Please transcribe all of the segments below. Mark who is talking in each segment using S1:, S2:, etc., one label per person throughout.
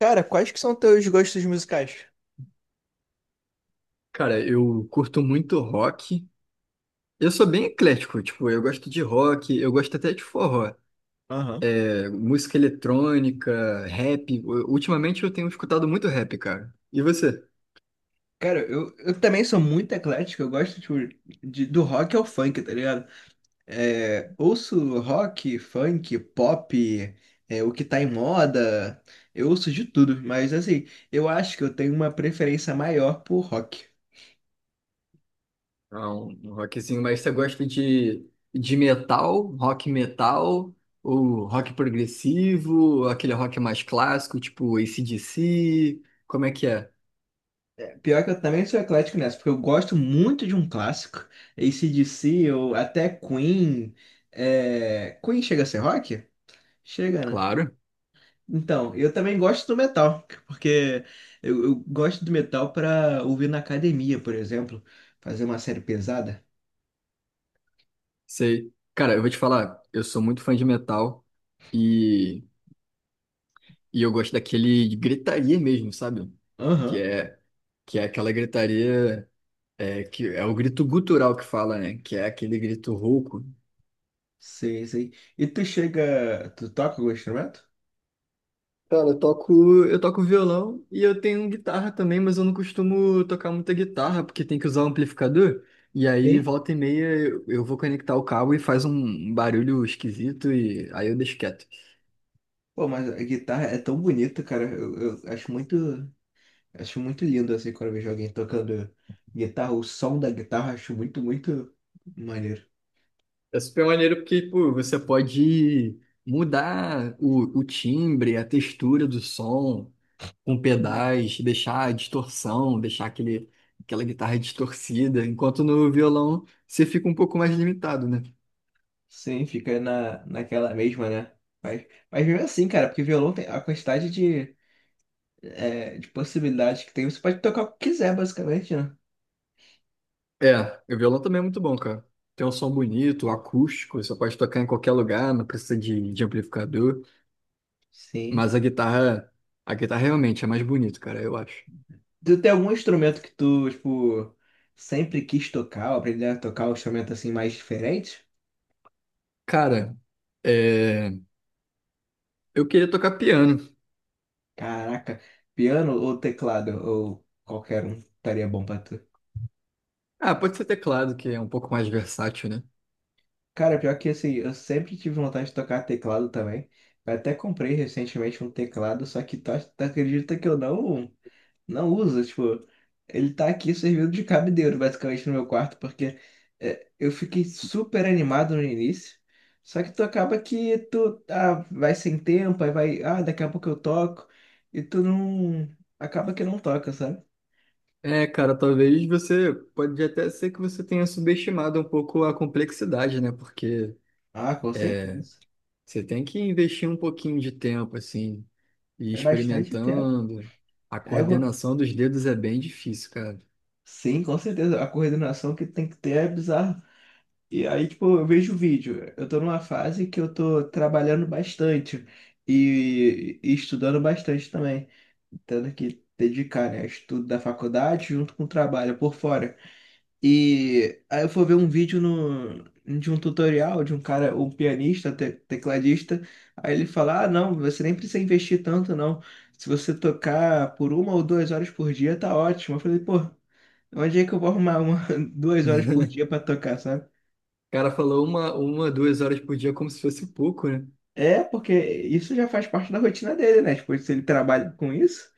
S1: Cara, quais que são teus gostos musicais?
S2: Cara, eu curto muito rock. Eu sou bem eclético, tipo, eu gosto de rock, eu gosto até de forró.
S1: Aham.
S2: É, música eletrônica, rap. Ultimamente eu tenho escutado muito rap, cara. E você?
S1: Cara, eu também sou muito eclético, eu gosto tipo, de, do rock ao funk, tá ligado? Ouço rock, funk, pop, o que tá em moda, eu ouço de tudo, mas assim, eu acho que eu tenho uma preferência maior por rock.
S2: Ah, um rockzinho, mas você gosta de metal, rock metal, ou rock progressivo, ou aquele rock mais clássico, tipo AC/DC? Como é que é?
S1: Pior que eu também sou eclético nessa, porque eu gosto muito de um clássico, AC/DC ou até Queen. Queen chega a ser rock? Chega, né?
S2: Claro,
S1: Então, eu também gosto do metal, porque eu gosto do metal para ouvir na academia, por exemplo, fazer uma série pesada.
S2: sei. Cara, eu vou te falar, eu sou muito fã de metal. e E eu gosto daquele de gritaria mesmo, sabe? Que
S1: Aham,
S2: é, que é aquela gritaria, que é o grito gutural que fala, né? Que é aquele grito rouco.
S1: sei, sei. E tu chega, tu toca algum instrumento?
S2: Cara, eu toco violão e eu tenho guitarra também, mas eu não costumo tocar muita guitarra, porque tem que usar o amplificador. E aí,
S1: Sim.
S2: volta e meia, eu vou conectar o cabo e faz um barulho esquisito e aí eu deixo quieto.
S1: Pô, mas a guitarra é tão bonita, cara. Eu acho muito. Acho muito lindo assim quando eu vejo alguém tocando guitarra, o som da guitarra, acho muito, muito maneiro.
S2: É super maneiro porque, pô, você pode mudar o timbre, a textura do som com
S1: Uhum.
S2: pedais, deixar a distorção, aquela guitarra distorcida, enquanto no violão você fica um pouco mais limitado, né?
S1: Sim, fica na, naquela mesma, né? Mas mesmo assim, cara, porque violão tem a quantidade de, de possibilidades que tem, você pode tocar o que quiser, basicamente, né?
S2: É, o violão também é muito bom, cara. Tem um som bonito, acústico, você pode tocar em qualquer lugar, não precisa de amplificador,
S1: Sim.
S2: mas a guitarra realmente é mais bonito, cara, eu acho.
S1: Tu tem algum instrumento que tu, tipo, sempre quis tocar, ou aprender a tocar um instrumento assim mais diferente?
S2: Cara, é, eu queria tocar piano.
S1: Caraca, piano ou teclado, ou qualquer um estaria bom pra tu.
S2: Ah, pode ser teclado, que é um pouco mais versátil, né?
S1: Cara, pior que assim, eu sempre tive vontade de tocar teclado também. Eu até comprei recentemente um teclado, só que tu, tu acredita que eu não, não uso? Tipo, ele tá aqui servindo de cabideiro, basicamente, no meu quarto, porque eu fiquei super animado no início. Só que tu acaba que tu vai sem tempo, aí vai, ah, daqui a pouco eu toco, e tu não. Acaba que não toca, sabe?
S2: É, cara, talvez você pode até ser que você tenha subestimado um pouco a complexidade, né?
S1: Ah, com
S2: É,
S1: certeza.
S2: Você tem que investir um pouquinho de tempo, assim, e ir
S1: É bastante tempo.
S2: experimentando. A
S1: Aí eu vou-
S2: coordenação dos dedos é bem difícil, cara.
S1: Sim, com certeza. A coordenação que tem que ter é bizarra. E aí, tipo, eu vejo o vídeo. Eu tô numa fase que eu tô trabalhando bastante e estudando bastante também. Tendo que dedicar, né, estudo da faculdade junto com o trabalho por fora. E aí eu fui ver um vídeo no, de um tutorial de um cara, um pianista, tecladista. Aí ele fala: Ah, não, você nem precisa investir tanto, não. Se você tocar por uma ou duas horas por dia, tá ótimo. Eu falei, pô, onde é que eu vou arrumar uma, duas horas por dia pra tocar, sabe?
S2: O cara falou duas horas por dia como se fosse pouco, né?
S1: É, porque isso já faz parte da rotina dele, né? Tipo, se ele trabalha com isso.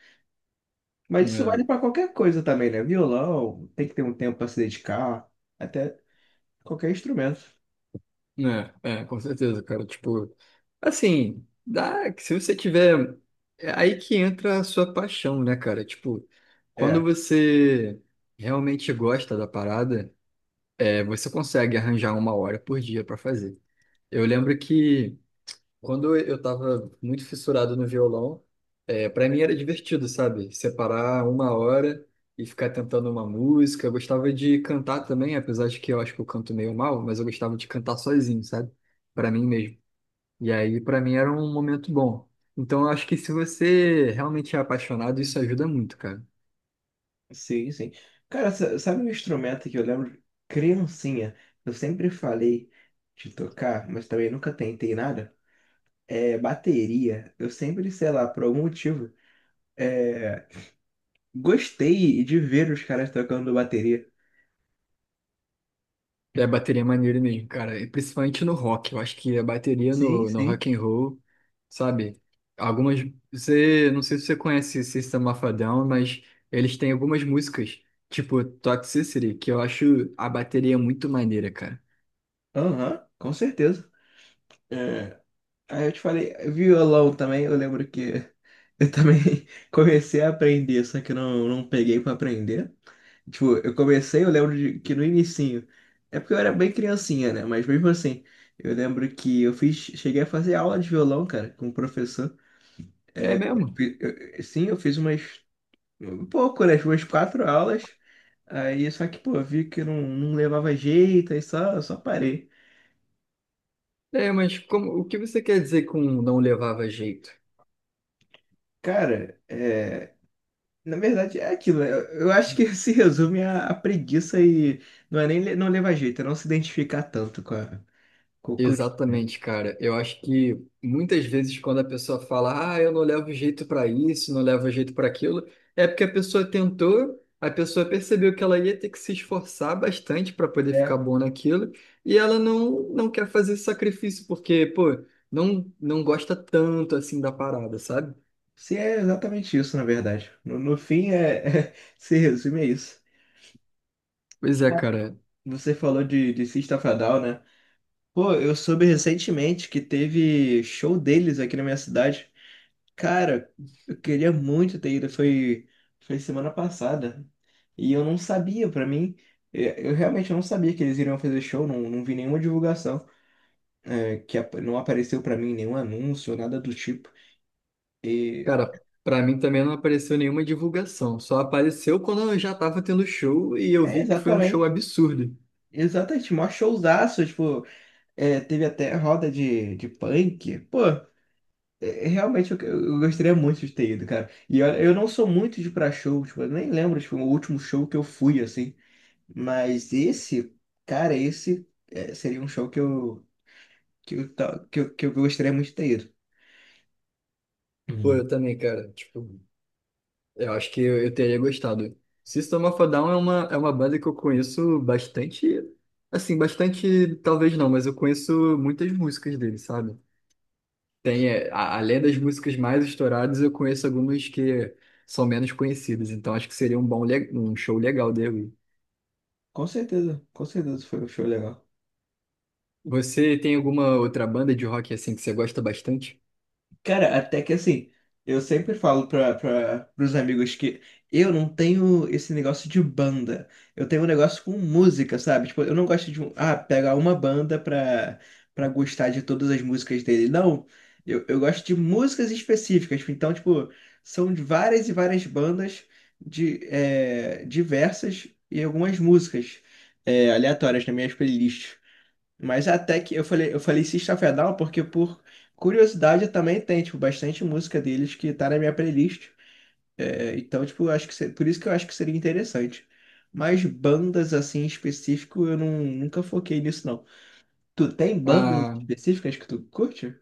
S1: Mas isso
S2: É.
S1: vale pra qualquer coisa também, né? Violão, tem que ter um tempo pra se dedicar, até qualquer instrumento.
S2: Com certeza, cara. Tipo, assim, dá que se você tiver. É aí que entra a sua paixão, né, cara? Tipo, quando
S1: É,
S2: você realmente gosta da parada, você consegue arranjar uma hora por dia pra fazer. Eu lembro que quando eu tava muito fissurado no violão, para mim era divertido, sabe? Separar uma hora e ficar tentando uma música. Eu gostava de cantar também, apesar de que eu acho que eu canto meio mal, mas eu gostava de cantar sozinho, sabe? Para mim mesmo. E aí, para mim era um momento bom. Então, eu acho que se você realmente é apaixonado, isso ajuda muito, cara.
S1: sim, sim. Cara, sabe um instrumento que eu lembro, criancinha, eu sempre falei de tocar, mas também nunca tentei nada? É bateria. Eu sempre, sei lá, por algum motivo, é, gostei de ver os caras tocando bateria.
S2: É, bateria é maneiro mesmo, cara. E principalmente no rock. Eu acho que a bateria
S1: Sim,
S2: no
S1: sim.
S2: rock and roll, sabe? Algumas. Você, não sei se você conhece System of a Down, mas eles têm algumas músicas, tipo Toxicity, que eu acho a bateria muito maneira, cara.
S1: Aham, com certeza. É, Aí eu te falei, violão também, eu lembro que eu também comecei a aprender, só que eu não, não peguei pra aprender. Tipo, eu comecei, eu lembro de, que no inicinho, é porque eu era bem criancinha, né? Mas mesmo assim, eu lembro que eu fiz, cheguei a fazer aula de violão, cara, com o professor.
S2: É mesmo?
S1: Fi- eu- Sim, eu fiz umas, um pouco, né? Umas quatro aulas. Aí, só que, pô, vi que não, não levava jeito, aí só, só parei.
S2: É, mas como, o que você quer dizer com não levava jeito?
S1: Cara, na verdade, é aquilo. Né? Eu acho que se resume a preguiça e não é nem não levar jeito, é não se identificar tanto com a, com o custo, né?
S2: Exatamente, cara. Eu acho que muitas vezes quando a pessoa fala, ah, eu não levo jeito para isso, não levo jeito para aquilo, é porque a pessoa tentou, a pessoa percebeu que ela ia ter que se esforçar bastante para poder ficar
S1: É,
S2: boa naquilo, e ela não, não quer fazer esse sacrifício porque, pô, não, não gosta tanto assim da parada, sabe?
S1: se é exatamente isso, na verdade. No fim, é, se resume a isso.
S2: Pois é, cara.
S1: Você falou de System of a Down, né? Pô, eu soube recentemente que teve show deles aqui na minha cidade. Cara, eu queria muito ter ido, foi, foi semana passada. E eu não sabia, pra mim, eu realmente não sabia que eles iriam fazer show, não, não vi nenhuma divulgação, é, que não apareceu pra mim nenhum anúncio, nada do tipo. E,
S2: Cara, para mim também não apareceu nenhuma divulgação, só apareceu quando eu já tava tendo show e eu
S1: é,
S2: vi que foi um show
S1: exatamente,
S2: absurdo.
S1: exatamente, mó showzaço, tipo, teve até roda de punk. Pô, é, é, realmente eu gostaria muito de ter ido, cara. E olha, eu não sou muito de ir pra show, tipo, eu nem lembro, tipo, o último show que eu fui, assim. Mas esse, cara, esse é, seria um show que eu, ta- que eu gostaria muito de ter ido.
S2: Pô,
S1: Uhum.
S2: eu também, cara. Tipo, eu acho que eu teria gostado. System of a Down é é uma banda que eu conheço bastante, assim, bastante, talvez não, mas eu conheço muitas músicas dele, sabe? Tem, é, além das músicas mais estouradas, eu conheço algumas que são menos conhecidas, então acho que seria um um show legal dele.
S1: Com certeza foi um show legal.
S2: Você tem alguma outra banda de rock assim que você gosta bastante?
S1: Cara, até que assim, eu sempre falo pros amigos que eu não tenho esse negócio de banda. Eu tenho um negócio com música, sabe? Tipo, eu não gosto de, pegar uma banda pra, pra gostar de todas as músicas dele. Não, eu gosto de músicas específicas. Então, tipo, são de várias e várias bandas de, diversas e algumas músicas, aleatórias nas minhas playlists. Mas até que eu falei System of a Down porque por curiosidade eu também tem, tipo, bastante música deles que tá na minha playlist. É, então, tipo, eu acho que por isso que eu acho que seria interessante. Mas bandas assim em específico, eu não, nunca foquei nisso, não. Tu tem bandas
S2: Ah,
S1: específicas que tu curte?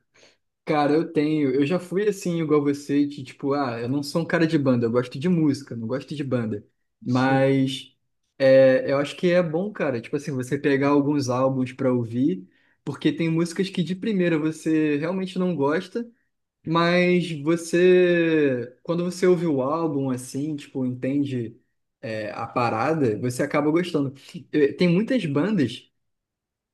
S2: cara, eu tenho. Eu já fui assim, igual você, de, tipo, ah, eu não sou um cara de banda, eu gosto de música, não gosto de banda.
S1: Sim.
S2: Mas eu acho que é bom, cara, tipo assim, você pegar alguns álbuns pra ouvir, porque tem músicas que de primeira você realmente não gosta, mas você, quando você ouve o álbum assim, tipo, entende a parada, você acaba gostando. Tem muitas bandas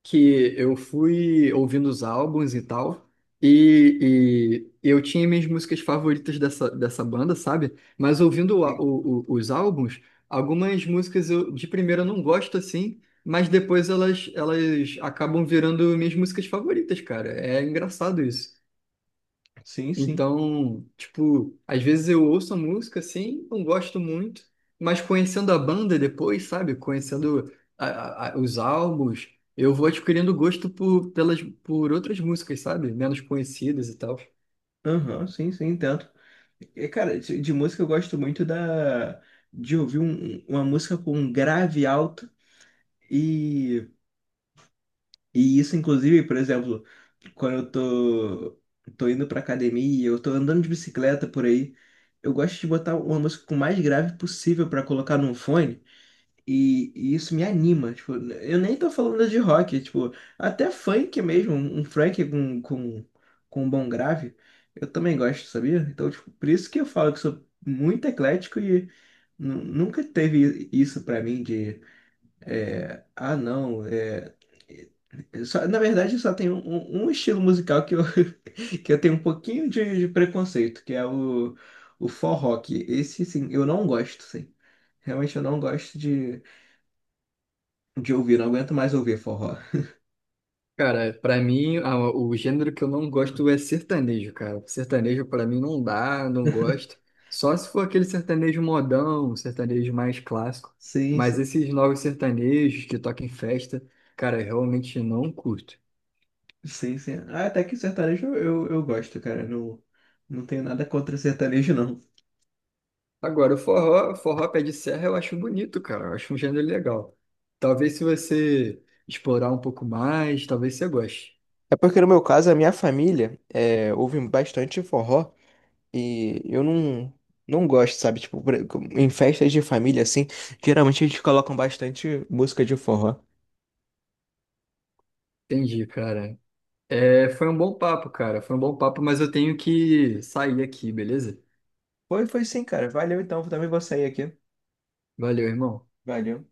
S2: que eu fui ouvindo os álbuns e tal, e eu tinha minhas músicas favoritas dessa banda, sabe? Mas ouvindo o á- o- os álbuns, algumas músicas eu de primeira não gosto assim, mas depois elas, elas acabam virando minhas músicas favoritas, cara. É engraçado isso.
S1: Sim, sim.
S2: Então, tipo, às vezes eu ouço a música assim, não gosto muito, mas conhecendo a banda depois, sabe? Conhecendo os álbuns, eu vou adquirindo gosto por, pelas, por outras músicas, sabe? Menos conhecidas e tal.
S1: Aham, sim, sim, entendo. E, cara, de música eu gosto muito da de ouvir uma música com um grave alto e E isso, inclusive, por exemplo, quando eu tô, tô indo pra academia, eu tô andando de bicicleta por aí, eu gosto de botar uma música com o mais grave possível pra colocar num fone, e isso me anima. Tipo, eu nem tô falando de rock, tipo, até funk mesmo, um funk com um bom grave, eu também gosto, sabia? Então, tipo, por isso que eu falo que sou muito eclético e nunca teve isso pra mim é, ah, não. É, é, na verdade, só tem um, um estilo musical que eu, que eu tenho um pouquinho de preconceito, que é o forró. Que Esse, sim, eu não gosto, sim. Realmente eu não gosto de ouvir, não aguento mais ouvir forró.
S2: Cara, pra mim, o gênero que eu não gosto é sertanejo, cara. Sertanejo pra mim não dá, não gosto. Só se for aquele sertanejo modão, um sertanejo mais clássico.
S1: Sim,
S2: Mas
S1: sim,
S2: esses novos sertanejos que tocam em festa, cara, eu realmente não curto.
S1: sim, sim. Ah, até que sertanejo eu gosto, cara. Não, não tenho nada contra sertanejo, não.
S2: Agora, o forró, forró pé de serra eu acho bonito, cara. Eu acho um gênero legal. Talvez se você explorar um pouco mais, talvez você goste.
S1: É porque no meu caso, a minha família ouve bastante forró. E eu não, não gosto, sabe? Tipo, em festas de família, assim, geralmente eles colocam bastante música de forró.
S2: Entendi, cara. É, foi um bom papo, cara. Foi um bom papo, mas eu tenho que sair aqui, beleza?
S1: Foi, foi sim, cara. Valeu então, também vou sair aqui.
S2: Valeu, irmão.
S1: Valeu.